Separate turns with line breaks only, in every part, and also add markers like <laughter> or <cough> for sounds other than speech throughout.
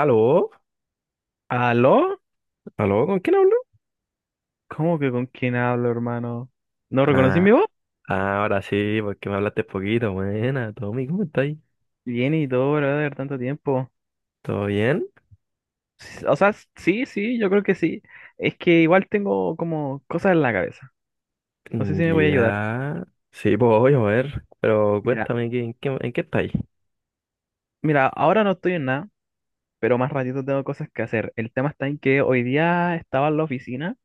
Aló,
¿Aló?
aló, ¿con quién hablo?
¿Cómo que con quién hablo, hermano? ¿No reconocí mi
Ah,
voz?
ahora sí, porque me hablaste poquito. Buena, Tommy, ¿cómo estáis?
Bien y todo, brother, tanto tiempo.
¿Todo bien?
Sí, sí, yo creo que sí. Es que igual tengo como cosas en la cabeza. No sé si me voy a ayudar.
Ya. Sí, pues voy a ver. Pero
Mira,
cuéntame, en qué estáis?
mira, ahora no estoy en nada, pero más ratito tengo cosas que hacer. El tema está en que hoy día estaba en la oficina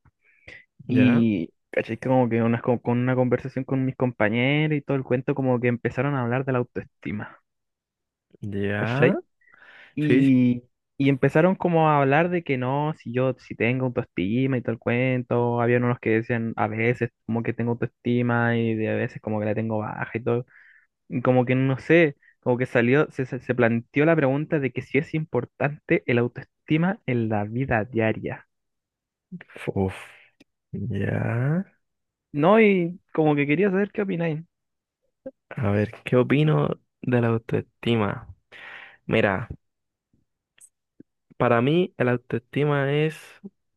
Ya,
y, caché, como que con una conversación con mis compañeros y todo el cuento, como que empezaron a hablar de la autoestima.
ya.
¿Cachai?
Sí, sí.
Y, y empezaron como a hablar de que no, si yo si tengo autoestima y todo el cuento, habían unos que decían a veces como que tengo autoestima y de a veces como que la tengo baja y todo, y como que no sé, como que salió, se planteó la pregunta de que si es importante el autoestima en la vida diaria.
Uf, ya.
No, y como que quería saber qué opináis.
A ver, ¿qué opino de la autoestima? Mira, para mí, la autoestima es,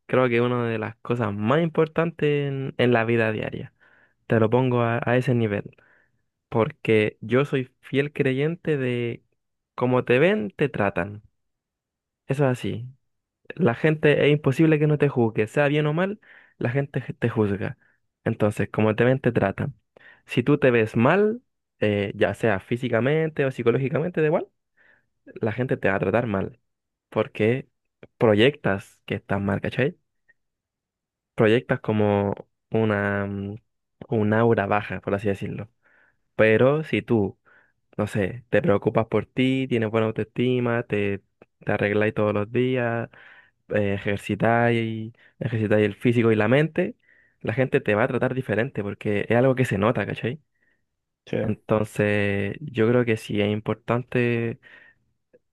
creo que una de las cosas más importantes en la vida diaria. Te lo pongo a ese nivel. Porque yo soy fiel creyente de como te ven, te tratan. Eso es así. La gente es imposible que no te juzgue, sea bien o mal, la te juzga. Entonces, como te ven, te tratan. Si tú te ves mal, ya sea físicamente o psicológicamente, da igual, la gente te va a tratar mal, porque proyectas que estás mal, ¿cachai? Proyectas como una, un aura baja, por así decirlo. Pero si tú no sé, te preocupas por ti, tienes buena autoestima, te arregláis todos los días, eh, ejercitáis, ejercitáis el físico y la mente, la gente te va a tratar diferente porque es algo que se nota, ¿cachai?
Sí.
Entonces, yo creo que sí es importante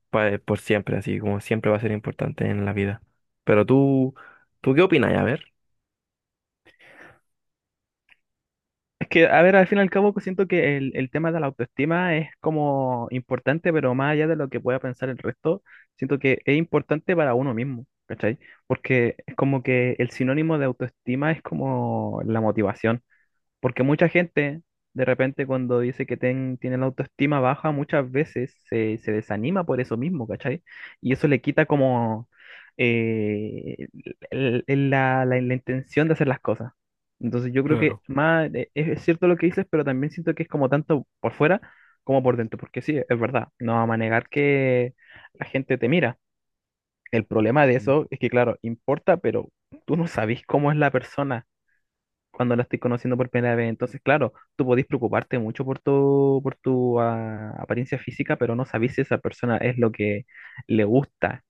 por siempre, así como siempre va a ser importante en la vida. Pero tú, ¿tú qué opinas? A ver.
Es que, a ver, al fin y al cabo, siento que el tema de la autoestima es como importante, pero más allá de lo que pueda pensar el resto, siento que es importante para uno mismo, ¿cachai? Porque es como que el sinónimo de autoestima es como la motivación. Porque mucha gente, de repente, cuando dice que tiene la autoestima baja, muchas veces se desanima por eso mismo, ¿cachai? Y eso le quita como eh, la intención de hacer las cosas. Entonces yo creo que
Claro.
más es cierto lo que dices, pero también siento que es como tanto por fuera como por dentro, porque sí, es verdad, no vamos a negar que la gente te mira. El problema de
Sí.
eso es que, claro, importa, pero tú no sabes cómo es la persona cuando la estoy conociendo por primera vez. Entonces, claro, tú podés preocuparte mucho por tu, por tu apariencia física, pero no sabés si esa persona es lo que le gusta,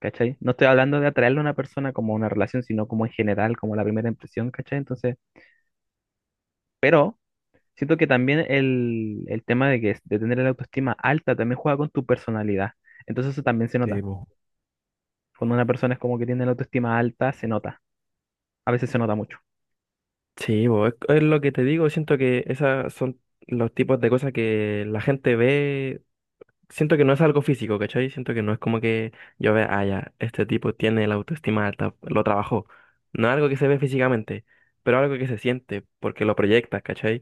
¿cachai? No estoy hablando de atraerle a una persona como una relación, sino como en general, como la primera impresión, ¿cachai? Entonces, pero siento que también el tema de que de tener la autoestima alta también juega con tu personalidad. Entonces eso también se
Eh,
nota. Cuando una persona es como que tiene la autoestima alta, se nota. A veces se nota mucho.
Sí, bo, es lo que te digo, siento que esas son los tipos de cosas que la gente ve, siento que no es algo físico, ¿cachai? Siento que no es como que yo vea, ah, ya, este tipo tiene la autoestima alta, lo trabajó. No es algo que se ve físicamente, pero algo que se siente, porque lo proyectas, ¿cachai?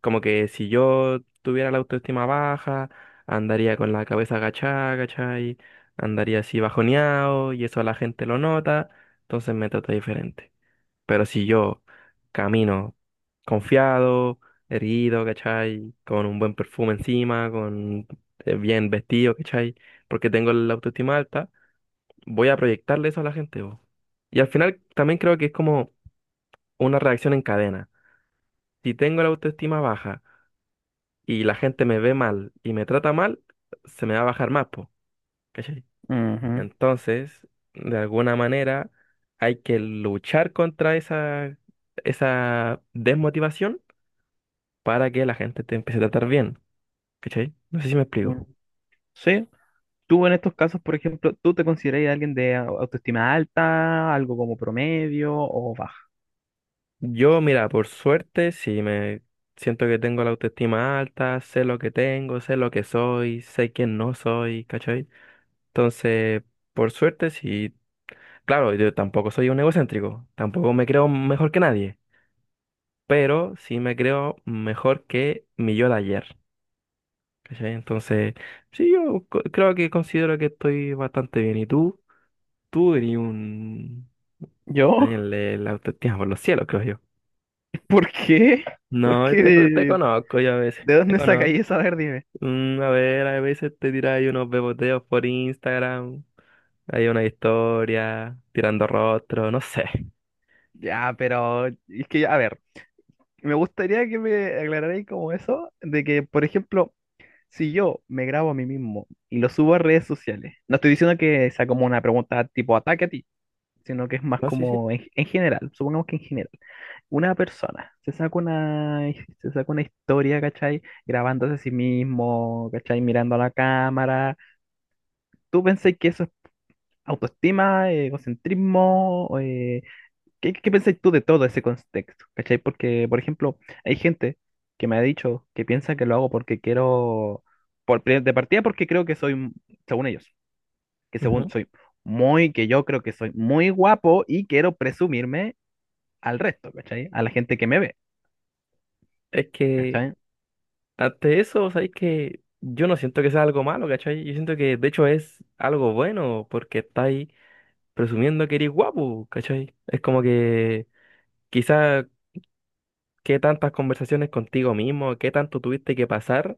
Como que si yo tuviera la autoestima baja, andaría con la cabeza agachada, ¿cachai? Andaría así bajoneado y eso la gente lo nota, entonces me trata diferente. Pero si yo camino confiado, erguido, ¿cachai? Con un buen perfume encima, con bien vestido, ¿cachai? Porque tengo la autoestima alta, voy a proyectarle eso a la gente, po. Y al final también creo que es como una reacción en cadena. Si tengo la autoestima baja y la gente me ve mal y me trata mal, se me va a bajar más, po, ¿cachai?
Ujú.
Entonces, de alguna manera, hay que luchar contra esa, esa desmotivación para que la gente te empiece a tratar bien, ¿cachai? No sé si me
Mm.
explico.
Sí, tú en estos casos, por ejemplo, ¿tú te consideras alguien de autoestima alta, algo como promedio o baja?
Yo, mira, por suerte, sí me siento que tengo la autoestima alta, sé lo que tengo, sé lo que soy, sé quién no soy, ¿cachai? Entonces, por suerte, sí, claro, yo tampoco soy un egocéntrico, tampoco me creo mejor que nadie, pero sí me creo mejor que mi yo de ayer, ¿cachai? Entonces, sí, creo que considero que estoy bastante bien. ¿Y tú? Tú eres un...
¿Yo?
Daniel, el autoestima por los cielos, creo yo.
<laughs> ¿Por qué? ¿Por
No,
qué?
te conozco yo a veces,
¿De
te
dónde
conozco.
sacáis eso? A ver, dime.
A ver, a veces te tiráis unos beboteos por Instagram, hay una historia, tirando rostro, no sé.
Ya, pero es que, a ver, me gustaría que me aclararais como eso, de que, por ejemplo, si yo me grabo a mí mismo y lo subo a redes sociales, no estoy diciendo que sea como una pregunta tipo ataque a ti, sino que es más
No, sí, sí.
como en general, supongamos que en general, una persona se saca una historia, ¿cachai? Grabándose a sí mismo, ¿cachai? Mirando a la cámara. ¿Tú pensás que eso es autoestima, egocentrismo? ¿ Qué pensás tú de todo ese contexto, ¿cachai? Porque, por ejemplo, hay gente que me ha dicho que piensa que lo hago porque quiero, de partida porque creo que soy, según ellos, que según
Ujú.
soy que yo creo que soy muy guapo y quiero presumirme al resto, ¿cachai? A la gente que me ve,
Es que
¿cachai?
ante eso, sabéis que yo no siento que sea algo malo, ¿cachai? Yo siento que de hecho es algo bueno porque estáis presumiendo que eres guapo, ¿cachai? Es como que quizás ¿qué tantas conversaciones contigo mismo, qué tanto tuviste que pasar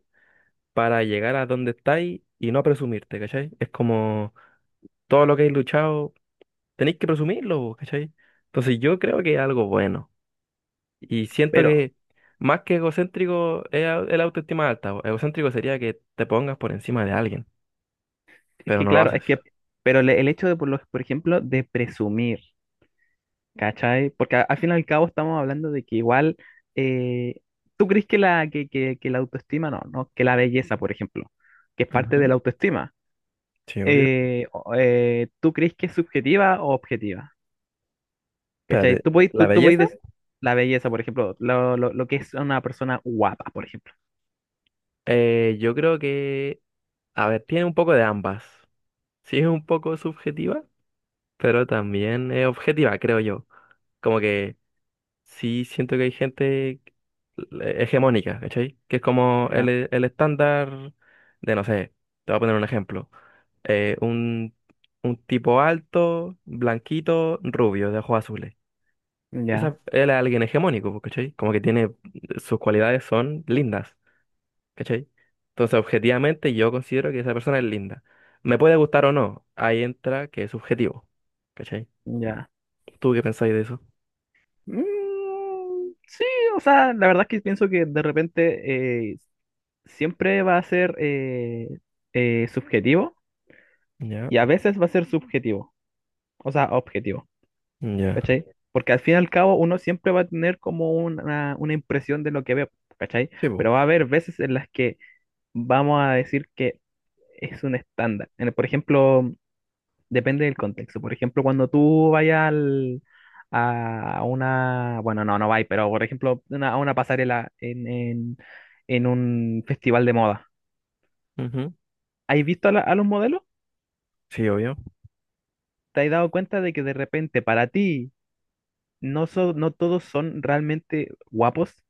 para llegar a donde estáis y no presumirte, ¿cachai? Es como todo lo que he luchado, tenéis que presumirlo, vos, ¿cachai? Entonces yo creo que es algo bueno. Y siento
Pero
que más que egocéntrico es el autoestima alta, po. Egocéntrico sería que te pongas por encima de alguien,
es
pero
que,
no lo
claro, es
haces.
que, pero el hecho de, por ejemplo, de presumir, ¿cachai? Porque al fin y al cabo estamos hablando de que igual, eh, ¿tú crees que la autoestima, no, no, que la belleza, por ejemplo, que es parte de
Ujú.
la autoestima,
Sí, obvio.
¿tú crees que es subjetiva o objetiva? ¿Cachai?
Espérate, ¿la
Tú podés
belleza?
decir la belleza, por ejemplo, lo que es una persona guapa, por ejemplo.
Yo creo que, a ver, tiene un poco de ambas. Sí, es un poco subjetiva, pero también es objetiva, creo yo. Como que sí siento que hay gente hegemónica, ¿cachai? Que es como
Ya,
el estándar de, no sé, te voy a poner un ejemplo. Eh, un, un tipo alto, blanquito, rubio, de ojos azules.
ya,
Esa, él es alguien hegemónico, pues, ¿cachai? Como que tiene, sus cualidades son lindas, ¿cachai? Entonces, objetivamente, yo considero que esa persona es linda. Me puede gustar o no, ahí entra que es subjetivo, ¿cachai?
ya.
¿Tú qué pensáis de eso?
Mm, sí, o sea, la verdad es que pienso que de repente siempre va a ser subjetivo
Ya,
y a veces va a ser subjetivo, o sea, objetivo,
ya.
¿cachai? Porque al fin y al cabo uno siempre va a tener como una impresión de lo que ve, ¿cachai?
Sí, po.
Pero va a haber veces en las que vamos a decir que es un estándar. Por ejemplo, depende del contexto. Por ejemplo, cuando tú vayas a una, bueno, no, no vais, pero por ejemplo, a una pasarela en un festival de moda,
Ujú.
¿has visto a, a los modelos?
Sí, obvio.
¿Te has dado cuenta de que de repente para ti no, no todos son realmente guapos,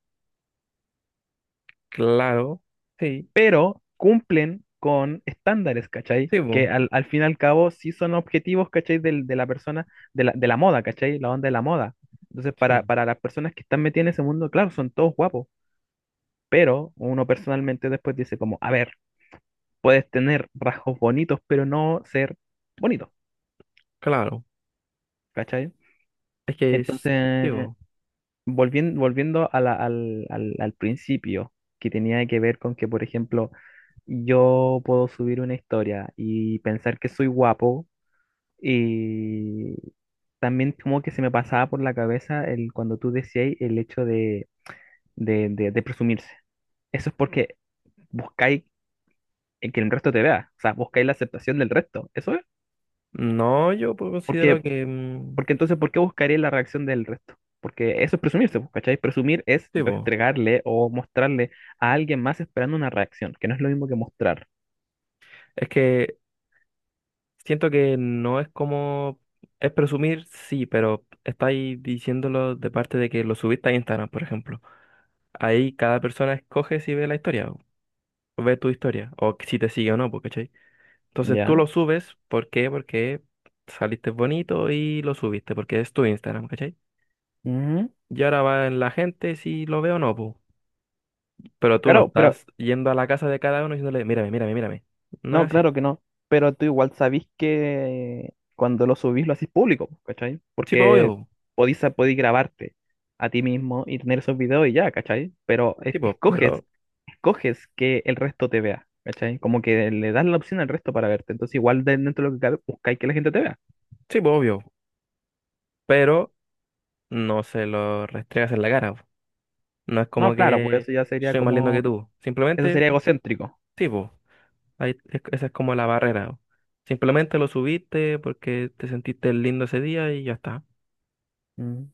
Claro. Sí,
pero cumplen con estándares, ¿cachai?
sí,
Que
po.
al fin y al cabo sí son objetivos, ¿cachai? De la persona, de la moda, ¿cachai? La onda de la moda. Entonces,
Sí,
para las personas que están metidas en ese mundo, claro, son todos guapos. Pero uno personalmente después dice como, a ver, puedes tener rasgos bonitos, pero no ser bonito,
claro.
¿cachai?
Es que es, sí,
Entonces,
po.
volviendo a al principio, que tenía que ver con que, por ejemplo, yo puedo subir una historia y pensar que soy guapo y también como que se me pasaba por la cabeza el, cuando tú decías el hecho de presumirse. Eso es porque buscáis el que el resto te vea, o sea, buscáis la aceptación del resto, ¿eso es?
No, yo pues, considero
Porque,
que,
porque entonces, ¿por qué buscaré la reacción del resto? Porque eso es presumirse, pues, ¿cachai? Presumir es
sí, po.
restregarle o mostrarle a alguien más esperando una reacción, que no es lo mismo que mostrar.
Es que siento que no es como, es presumir, sí, pero estáis diciéndolo de parte de que lo subiste a Instagram, por ejemplo. Ahí cada persona escoge si ve la historia, o ve tu historia, o si te sigue o no, po, ¿cachai? Entonces tú
¿Ya?
lo subes, ¿por qué? Porque saliste bonito y lo subiste, porque es tu Instagram, ¿cachai?
Ujú.
Y ahora va en la gente si lo veo o no, pu. Pero tú no
Claro, pero,
estás yendo a la casa de cada uno diciéndole, mírame, mírame, mírame. No
no,
es así.
claro que no. Pero tú igual sabís que cuando lo subís lo hacís público, pues, ¿cachai?
Sí, pues obvio,
Porque
pu.
podís grabarte a ti mismo y tener esos videos y ya, ¿cachai? Pero es-
Sí, pues,
escoges
pero,
coges que el resto te vea, ¿cachai? Como que le das la opción al resto para verte. Entonces, igual dentro de lo que cabe, buscáis que la gente te vea.
sí, pues obvio, pero no se lo restregas en la cara, pu. No es
No,
como
claro, pues
que
eso ya sería
soy más lindo que
como,
tú.
eso
Simplemente,
sería egocéntrico.
sí, pues, esa es como la barrera, pu. Simplemente lo subiste porque te sentiste lindo ese día y ya está.
Mm.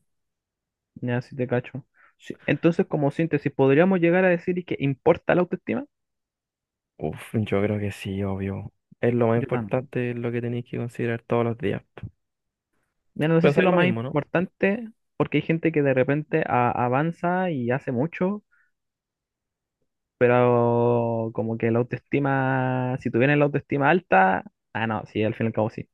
Ya, si te cacho. Sí, entonces, como síntesis, podríamos llegar a decir que importa la autoestima.
Uf, yo creo que sí, obvio. Es lo más
Yo también.
importante, es lo que tenéis que considerar todos los días.
Mira, no sé si
Pensáis
lo
lo
más
mismo, ¿no?
importante, porque hay gente que de repente avanza y hace mucho, pero como que la autoestima, si tuvieran la autoestima alta, ah, no, sí, al fin y al cabo sí.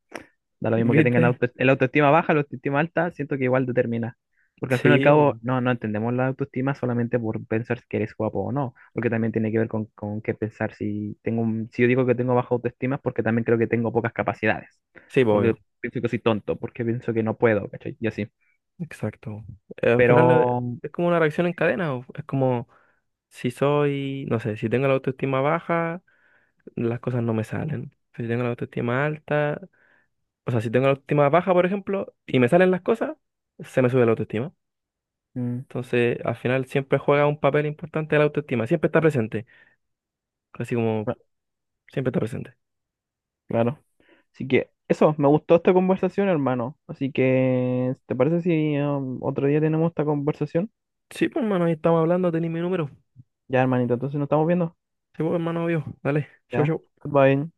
Da lo mismo que tengan
¿Viste?
auto, el autoestima baja, la autoestima alta, siento que igual determina. Porque al fin
Sí,
y al cabo,
bo-
no entendemos la autoestima solamente por pensar que eres guapo o no, porque también tiene que ver con qué pensar. Si yo digo que tengo baja autoestima es porque también creo que tengo pocas capacidades,
sí, bo,
porque
obvio.
pienso que soy tonto, porque pienso que no puedo, ¿cachai? Y así.
Exacto. Al final
Pero,
es como una reacción en cadena. O Es como si soy, no sé, si tengo la autoestima baja, las cosas no me salen. Si tengo la autoestima alta, o sea, si tengo la autoestima baja, por ejemplo, y me salen las cosas, se me sube la autoestima.
mm,
Entonces, al final siempre juega un papel importante la autoestima. Siempre está presente. Así como
cla-
siempre está presente.
claro. Así que eso, me gustó esta conversación, hermano. Así que, ¿te parece si otro día tenemos esta conversación?
Sí, pues, hermano, ahí estamos hablando, tenéis mi número.
Ya, hermanito, entonces nos estamos viendo.
Sí, pues, hermano, obvio. Dale, chau,
Ya,
chau.
goodbye.